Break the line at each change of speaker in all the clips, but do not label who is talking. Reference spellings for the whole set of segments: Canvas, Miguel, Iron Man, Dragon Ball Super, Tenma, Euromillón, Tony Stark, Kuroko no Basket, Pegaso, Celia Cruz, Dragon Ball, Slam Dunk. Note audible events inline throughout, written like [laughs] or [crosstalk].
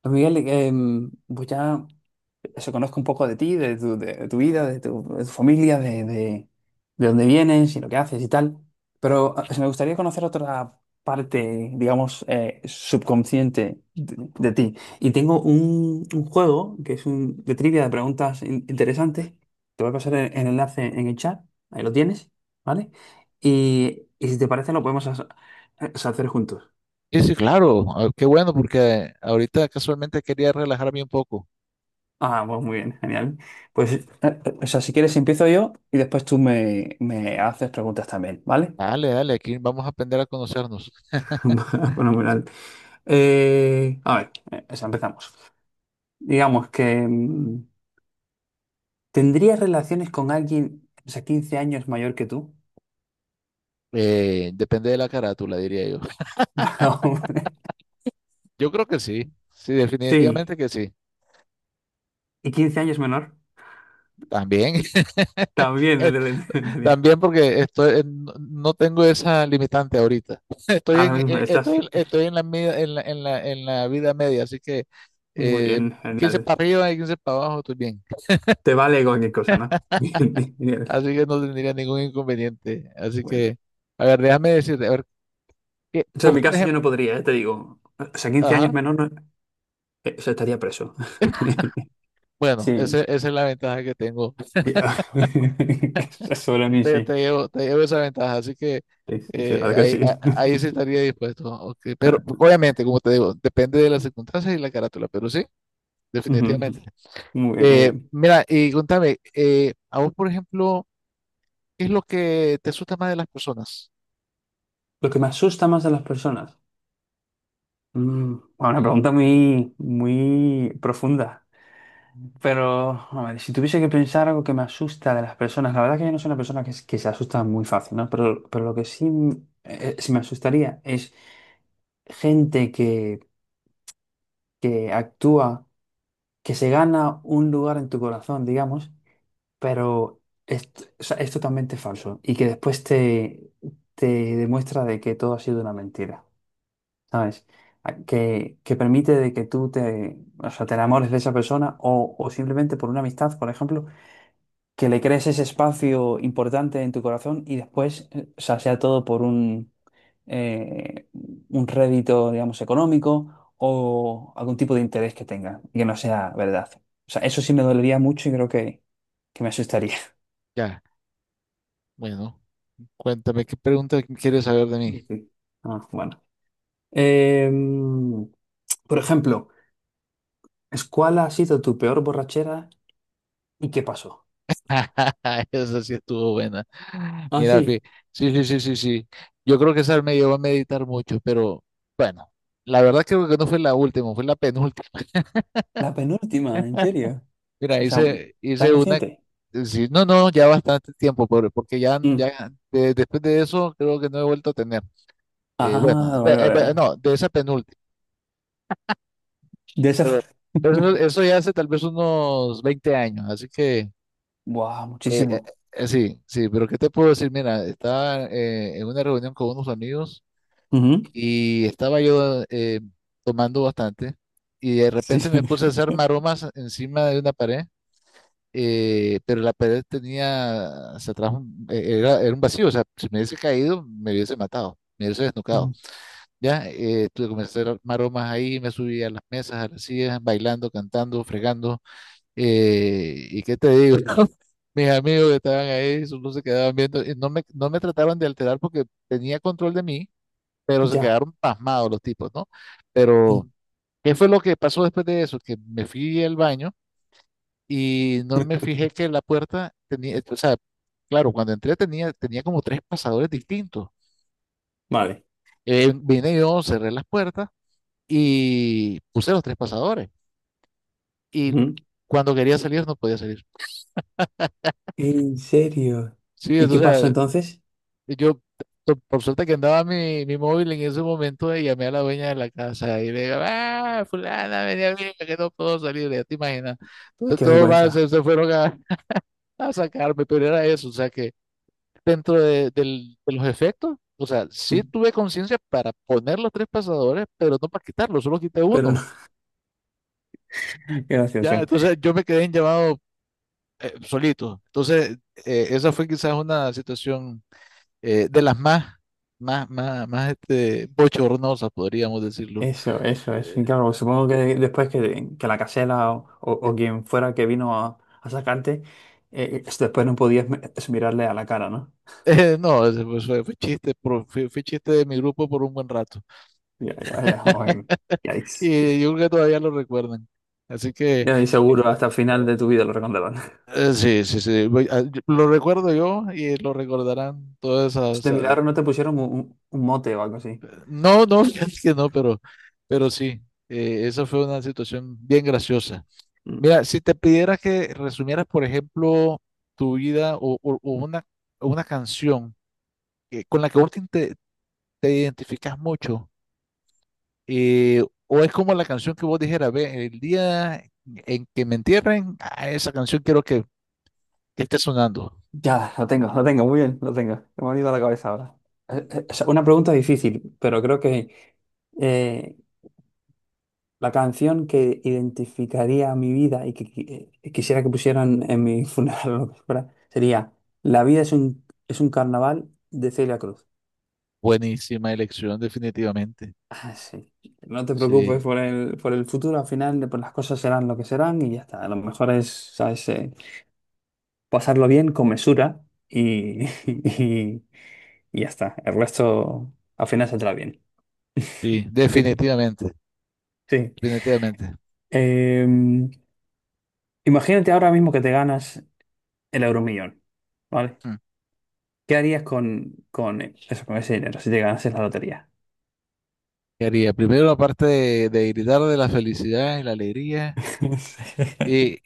Pues Miguel, pues ya eso conozco un poco de ti, de tu vida, de tu familia, de dónde vienes y lo que haces y tal. Pero me gustaría conocer otra parte, digamos, subconsciente de ti. Y tengo un juego que es un, de trivia de preguntas interesantes. Te voy a pasar el enlace en el chat, ahí lo tienes, ¿vale? Y si te parece lo podemos hacer juntos.
Sí, sí, claro. Qué bueno, porque ahorita casualmente quería relajarme un poco.
Pues muy bien, genial. O sea, si quieres empiezo yo y después tú me haces preguntas también, ¿vale?
Dale, dale, aquí vamos a aprender a conocernos.
[laughs] Fenomenal. A ver, o sea, empezamos. Digamos que ¿tendrías relaciones con alguien, o sea, 15 años mayor que tú?
Depende de la carátula, diría yo. [laughs]
[laughs] Va, hombre.
Yo creo que sí. Sí,
Sí.
definitivamente que sí.
¿Y 15 años menor?
También. [laughs]
También,
eh,
desde la infancia.
También porque estoy, no tengo esa limitante ahorita. [laughs] Estoy
Ahora
en,
mismo estás
estoy, en la, en la vida media, así que
muy
eh,
bien,
15
genial.
para arriba y 15 para abajo, estoy bien.
Te vale cualquier cosa, ¿no? [laughs] Bien, genial.
Así que no tendría ningún inconveniente. Así
Bueno.
que, a ver, déjame decirte, a ver,
O sea, en
¿vos,
mi
por...
caso yo no podría, ya te digo. O sea, quince años
Ajá.
menor no. Eso estaría preso. [laughs]
Bueno,
Sí.
esa es la ventaja que tengo.
Ya. [laughs] Sobre mí, sí.
Te llevo esa ventaja, así que
Sí, sí, sí, la verdad que
ahí,
sí. [laughs]
ahí sí estaría dispuesto. Ok. Pero obviamente, como te digo, depende de las circunstancias y la carátula, pero sí,
Ujú.
definitivamente.
Muy bien, muy bien.
Mira, y contame, a vos, por ejemplo, ¿qué es lo que te asusta más de las personas?
Lo que me asusta más de las personas. Bueno, una pregunta muy, muy profunda. Pero, a ver, si tuviese que pensar algo que me asusta de las personas, la verdad que yo no soy una persona que, que se asusta muy fácil, ¿no? Pero lo que sí sí me asustaría es gente que actúa, que se gana un lugar en tu corazón, digamos, pero es, o sea, es totalmente falso y que después te, te demuestra de que todo ha sido una mentira, ¿sabes? Que permite de que tú te, o sea, te enamores de esa persona o simplemente por una amistad, por ejemplo, que le crees ese espacio importante en tu corazón y después, o sea, sea todo por eh, un rédito, digamos, económico o algún tipo de interés que tenga y que no sea verdad. O sea, eso sí me dolería mucho y creo que me asustaría.
Ya, bueno, cuéntame, ¿qué pregunta quieres saber de mí?
Sí. Ah, bueno. Em, por ejemplo, ¿cuál ha sido tu peor borrachera y qué pasó?
[laughs] Esa sí estuvo buena.
Ah,
Mira,
sí,
sí, sí, sí, sí, sí. Yo creo que esa me llevó a meditar mucho, pero bueno, la verdad creo que no fue la última, fue la penúltima.
la penúltima, ¿en serio?
[laughs] Mira,
O sea,
hice
¿tan
una...
reciente?
Sí, no, no, ya bastante tiempo, pobre, porque ya,
Mm,
ya, después de eso creo que no he vuelto a tener.
Ah, vale, vale, vale.
No, de esa penúltima,
De esa...
pero, pero eso,
[laughs]
eso ya hace tal vez unos 20 años, así que...
Buah,
eh, eh,
muchísimo.
Sí, sí, pero ¿qué te puedo decir? Mira, estaba en una reunión con unos amigos
Ujú.
y estaba yo tomando bastante, y de
Sí.
repente me puse a hacer
[laughs]
maromas encima de una pared. Pero la pared tenía, se atrajo, era, era un vacío, o sea, si me hubiese caído me hubiese matado, me hubiese desnucado.
Mm.
Ya, tuve que comenzar a hacer maromas ahí, me subí a las mesas, a las sillas, bailando, cantando, fregando, y qué te digo, [laughs] mis amigos que estaban ahí solo se quedaban viendo, y no me trataban de alterar porque tenía control de mí, pero se
Ya.
quedaron pasmados los tipos, ¿no? Pero
Mm.
¿qué fue lo que pasó después de eso? Que me fui al baño y no me fijé que la puerta tenía, o sea, claro, tenía como tres pasadores distintos.
Vale.
Vine yo, cerré las puertas y puse los tres pasadores. Y
Ujú.
cuando quería salir, no podía salir.
¿En serio?
Sí,
¿Y qué pasó
entonces...
entonces?
Yo, por suerte que andaba mi móvil en ese momento, y llamé a la dueña de la casa y le digo, ah, fulana, venía a bien, que no puedo salir, ya te imaginas. Entonces
Qué
todos más
vergüenza.
se fueron a sacarme, pero era eso, o sea que dentro de, de los efectos, o sea, sí
Mm.
tuve conciencia para poner los tres pasadores, pero no para quitarlos, solo quité
Pero no.
uno.
[laughs] Qué
Ya,
gracioso.
entonces yo me quedé en llamado solito. Entonces, esa fue quizás una situación de las más, más este, bochornosas, podríamos decirlo.
Eso, eso, eso. Y
Eh,
claro, supongo que después que la casela o, o quien fuera que vino a sacarte, después no podías mirarle a la cara, ¿no?
[laughs] no, ese fue, fue chiste, fue, fue chiste de mi grupo por un buen rato.
Ya, ya, ya. Bueno, ya,
Y yo creo que todavía lo recuerdan. Así que,
ya es
eh,
seguro hasta el final de tu vida lo recordarán. [laughs]
sí, sí, sí, lo recuerdo yo y lo recordarán todas esas.
De milagro no te pusieron un mote o algo así.
No, no, [laughs] fíjate que no, pero sí, esa fue una situación bien graciosa.
Mm.
Mira, si te pidiera que resumieras, por ejemplo, tu vida o una canción con la que te identificas mucho, eh, o es como la canción que vos dijeras, ve, el día en que me entierren, a esa canción quiero que esté sonando.
Ya, lo tengo, muy bien, lo tengo. Me ha venido a la cabeza ahora. O sea, una pregunta difícil, pero creo que eh, la canción que identificaría mi vida y que, quisiera que pusieran en mi [laughs] funeral o lo que fuera, sería la vida es es un carnaval de Celia Cruz.
Buenísima elección, definitivamente.
Ah, sí. No te preocupes
Sí,
por por el futuro, al final pues las cosas serán lo que serán y ya está. A lo mejor es, ¿sabes? Pasarlo bien con mesura y, [laughs] y, y ya está. El resto al final saldrá bien.
sí,
[laughs] ¿Qué crees?
definitivamente,
Sí.
definitivamente.
Em, Imagínate ahora mismo que te ganas el Euromillón, ¿vale?
Mm.
¿Qué harías con eso, con ese dinero si te ganases la lotería?
¿Qué haría? Primero, aparte de gritar de la felicidad y la alegría.
[laughs]
Y,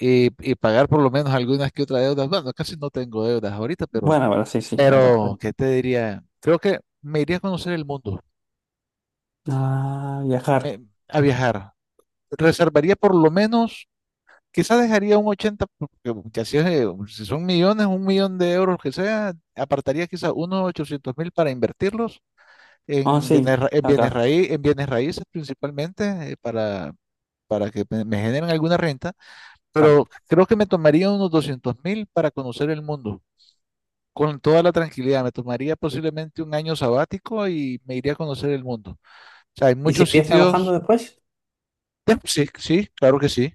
y pagar por lo menos algunas que otras deudas. Bueno, casi no tengo deudas ahorita,
Bueno, pero sí, sí, sí, me
pero,
conozco.
¿qué te diría? Creo que me iría a conocer el mundo,
Ah, viajar.
me- a viajar. Reservaría por lo menos, quizás dejaría un 80 porque ya si, es, si son millones, 1 millón de euros que sea, apartaría quizás unos 800.000 para invertirlos
Ah,
en bienes,
sí,
ra- en
ah,
bienes
claro,
raí- en bienes raíces principalmente, para que me generen alguna renta.
claro.
Pero creo que me tomaría unos 200.000 para conocer el mundo, con toda la tranquilidad. Me tomaría posiblemente un año sabático y me iría a conocer el mundo. O sea, hay
¿Y
muchos
seguirías trabajando
sitios.
después?
Sí, sí, claro que sí.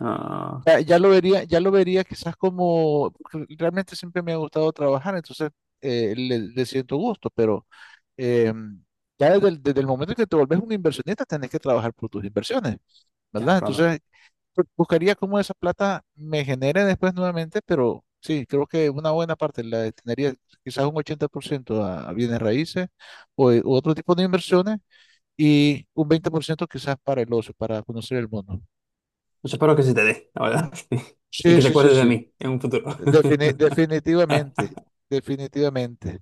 Ah,
Ya, ya lo vería quizás como, porque realmente siempre me ha gustado trabajar, entonces le siento gusto, pero eh, ya desde el momento en que te volvés un inversionista, tenés que trabajar por tus inversiones,
ya,
¿verdad?
claro.
Entonces, buscaría cómo esa plata me genere después nuevamente, pero sí, creo que una buena parte la destinaría quizás un 80% a bienes raíces u otro tipo de inversiones, y un 20% quizás para el ocio, para conocer el mundo.
Pues espero que se te dé, la verdad. [laughs] Y
Sí,
que te
sí, sí,
acuerdes de
sí.
mí en un futuro. [laughs]
Definitivamente, definitivamente.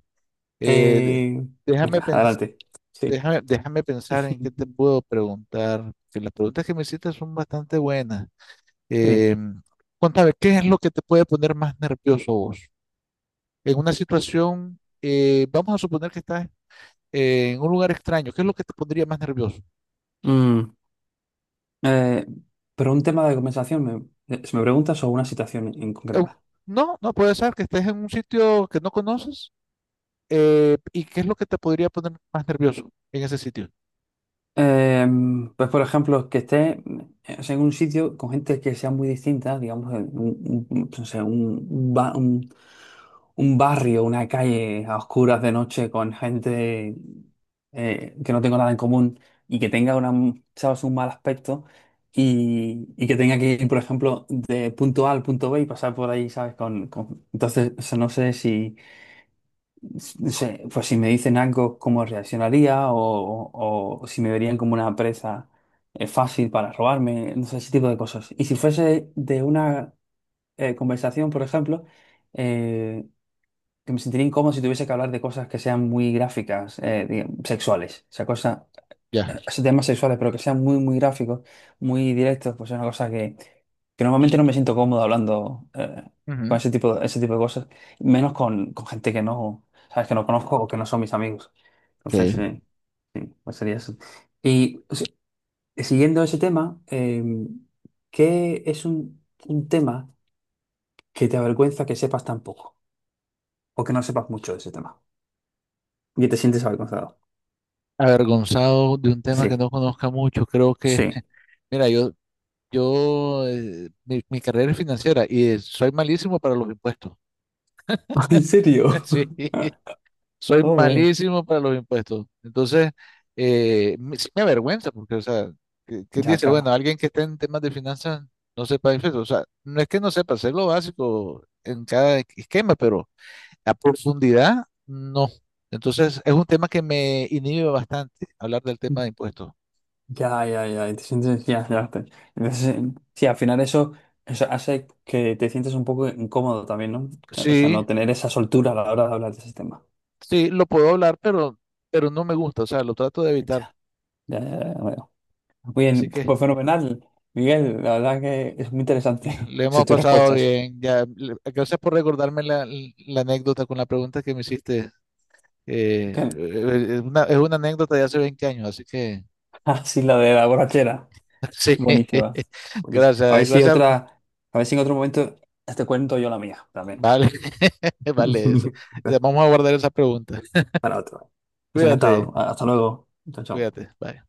Eh, de-
Eh,
déjame
Venga,
pens-
adelante. Sí.
Déjame pensar en qué te
[laughs]
puedo preguntar, que las preguntas que me hiciste son bastante buenas.
Sí.
Eh, Contame, ¿qué es lo que te puede poner más nervioso vos? En una situación, vamos a suponer que estás en un lugar extraño, ¿qué es lo que te pondría más nervioso?
Mm, eh, pero un tema de conversación, si me preguntas, o una situación en
Eh,
concreta.
no, no puede ser que estés en un sitio que no conoces. ¿Y qué es lo que te podría poner más nervioso en ese sitio?
Pues por ejemplo, que esté o sea, en un sitio con gente que sea muy distinta, digamos, en un, no sé, un, un barrio, una calle a oscuras de noche con gente que no tengo nada en común y que tenga una, ¿sabes?, un mal aspecto y que tenga que ir, por ejemplo, de punto A al punto B y pasar por ahí, ¿sabes? Entonces, o sea, no sé si no sé, pues si me dicen algo, cómo reaccionaría o, o si me verían como una presa fácil para robarme, no sé, ese tipo de cosas. Y si fuese de una conversación, por ejemplo, eh, que me sentiría incómodo si tuviese que hablar de cosas que sean muy gráficas, digamos, sexuales, o sea, cosas
Ya.
esos temas sexuales, pero que sean muy, muy gráficos, muy directos, pues es una cosa que normalmente no me siento cómodo hablando con
Ujú.
ese tipo de cosas, menos con gente que no, sabes, que no conozco o que no son mis amigos.
Ok.
Entonces, sí, sí, pues sería eso. Y o sea, siguiendo ese tema, ¿qué es un tema que te avergüenza que sepas tan poco o que no sepas mucho de ese tema y te sientes avergonzado?
Avergonzado de un tema que
Sí,
no conozca mucho, creo que...
sí.
[laughs] mira, mi carrera es financiera y soy malísimo para los impuestos.
[laughs] ¿En
[laughs]
serio?
Sí.
[laughs]
Soy
Oh, güey.
malísimo para los impuestos. Entonces, sí me avergüenza porque, o sea, ¿quién
Ya,
dice? Bueno,
claro.
alguien que esté en temas de finanzas no sepa impuestos. O sea, no es que no sepa, sé lo básico en cada esquema, pero a profundidad, no. Entonces, es un tema que me inhibe bastante hablar del tema de impuestos.
Ya, ya, ya, y te sientes, ya, ya. Entonces, sí, al final eso, eso hace que te sientes un poco incómodo también, ¿no? O sea,
Sí,
no tener esa soltura a la hora de hablar de ese tema.
sí, lo puedo hablar, pero no me gusta, o sea, lo trato de evitar.
Ya, ya, ya, ya, veo. Muy
Así
bien,
que...
pues fenomenal, Miguel, la verdad que es muy interesante,
Le
[laughs] son
hemos
tus
pasado
respuestas.
bien. Ya, gracias por recordarme la, la anécdota con la pregunta que me hiciste.
Que- [laughs]
Es una, es una anécdota de hace 20 años, así que
Ah, sí, la de la borrachera.
[laughs] sí.
Buenísima. Buenísima. A
Gracias,
ver si
gracias.
otra, a ver si en otro momento te cuento yo la mía también.
Vale, [laughs] vale eso.
[laughs]
Vamos a guardar esa pregunta.
Para otro. Pues encantado.
Cuídate,
Hasta luego. Chao, chao.
cuídate. Bye.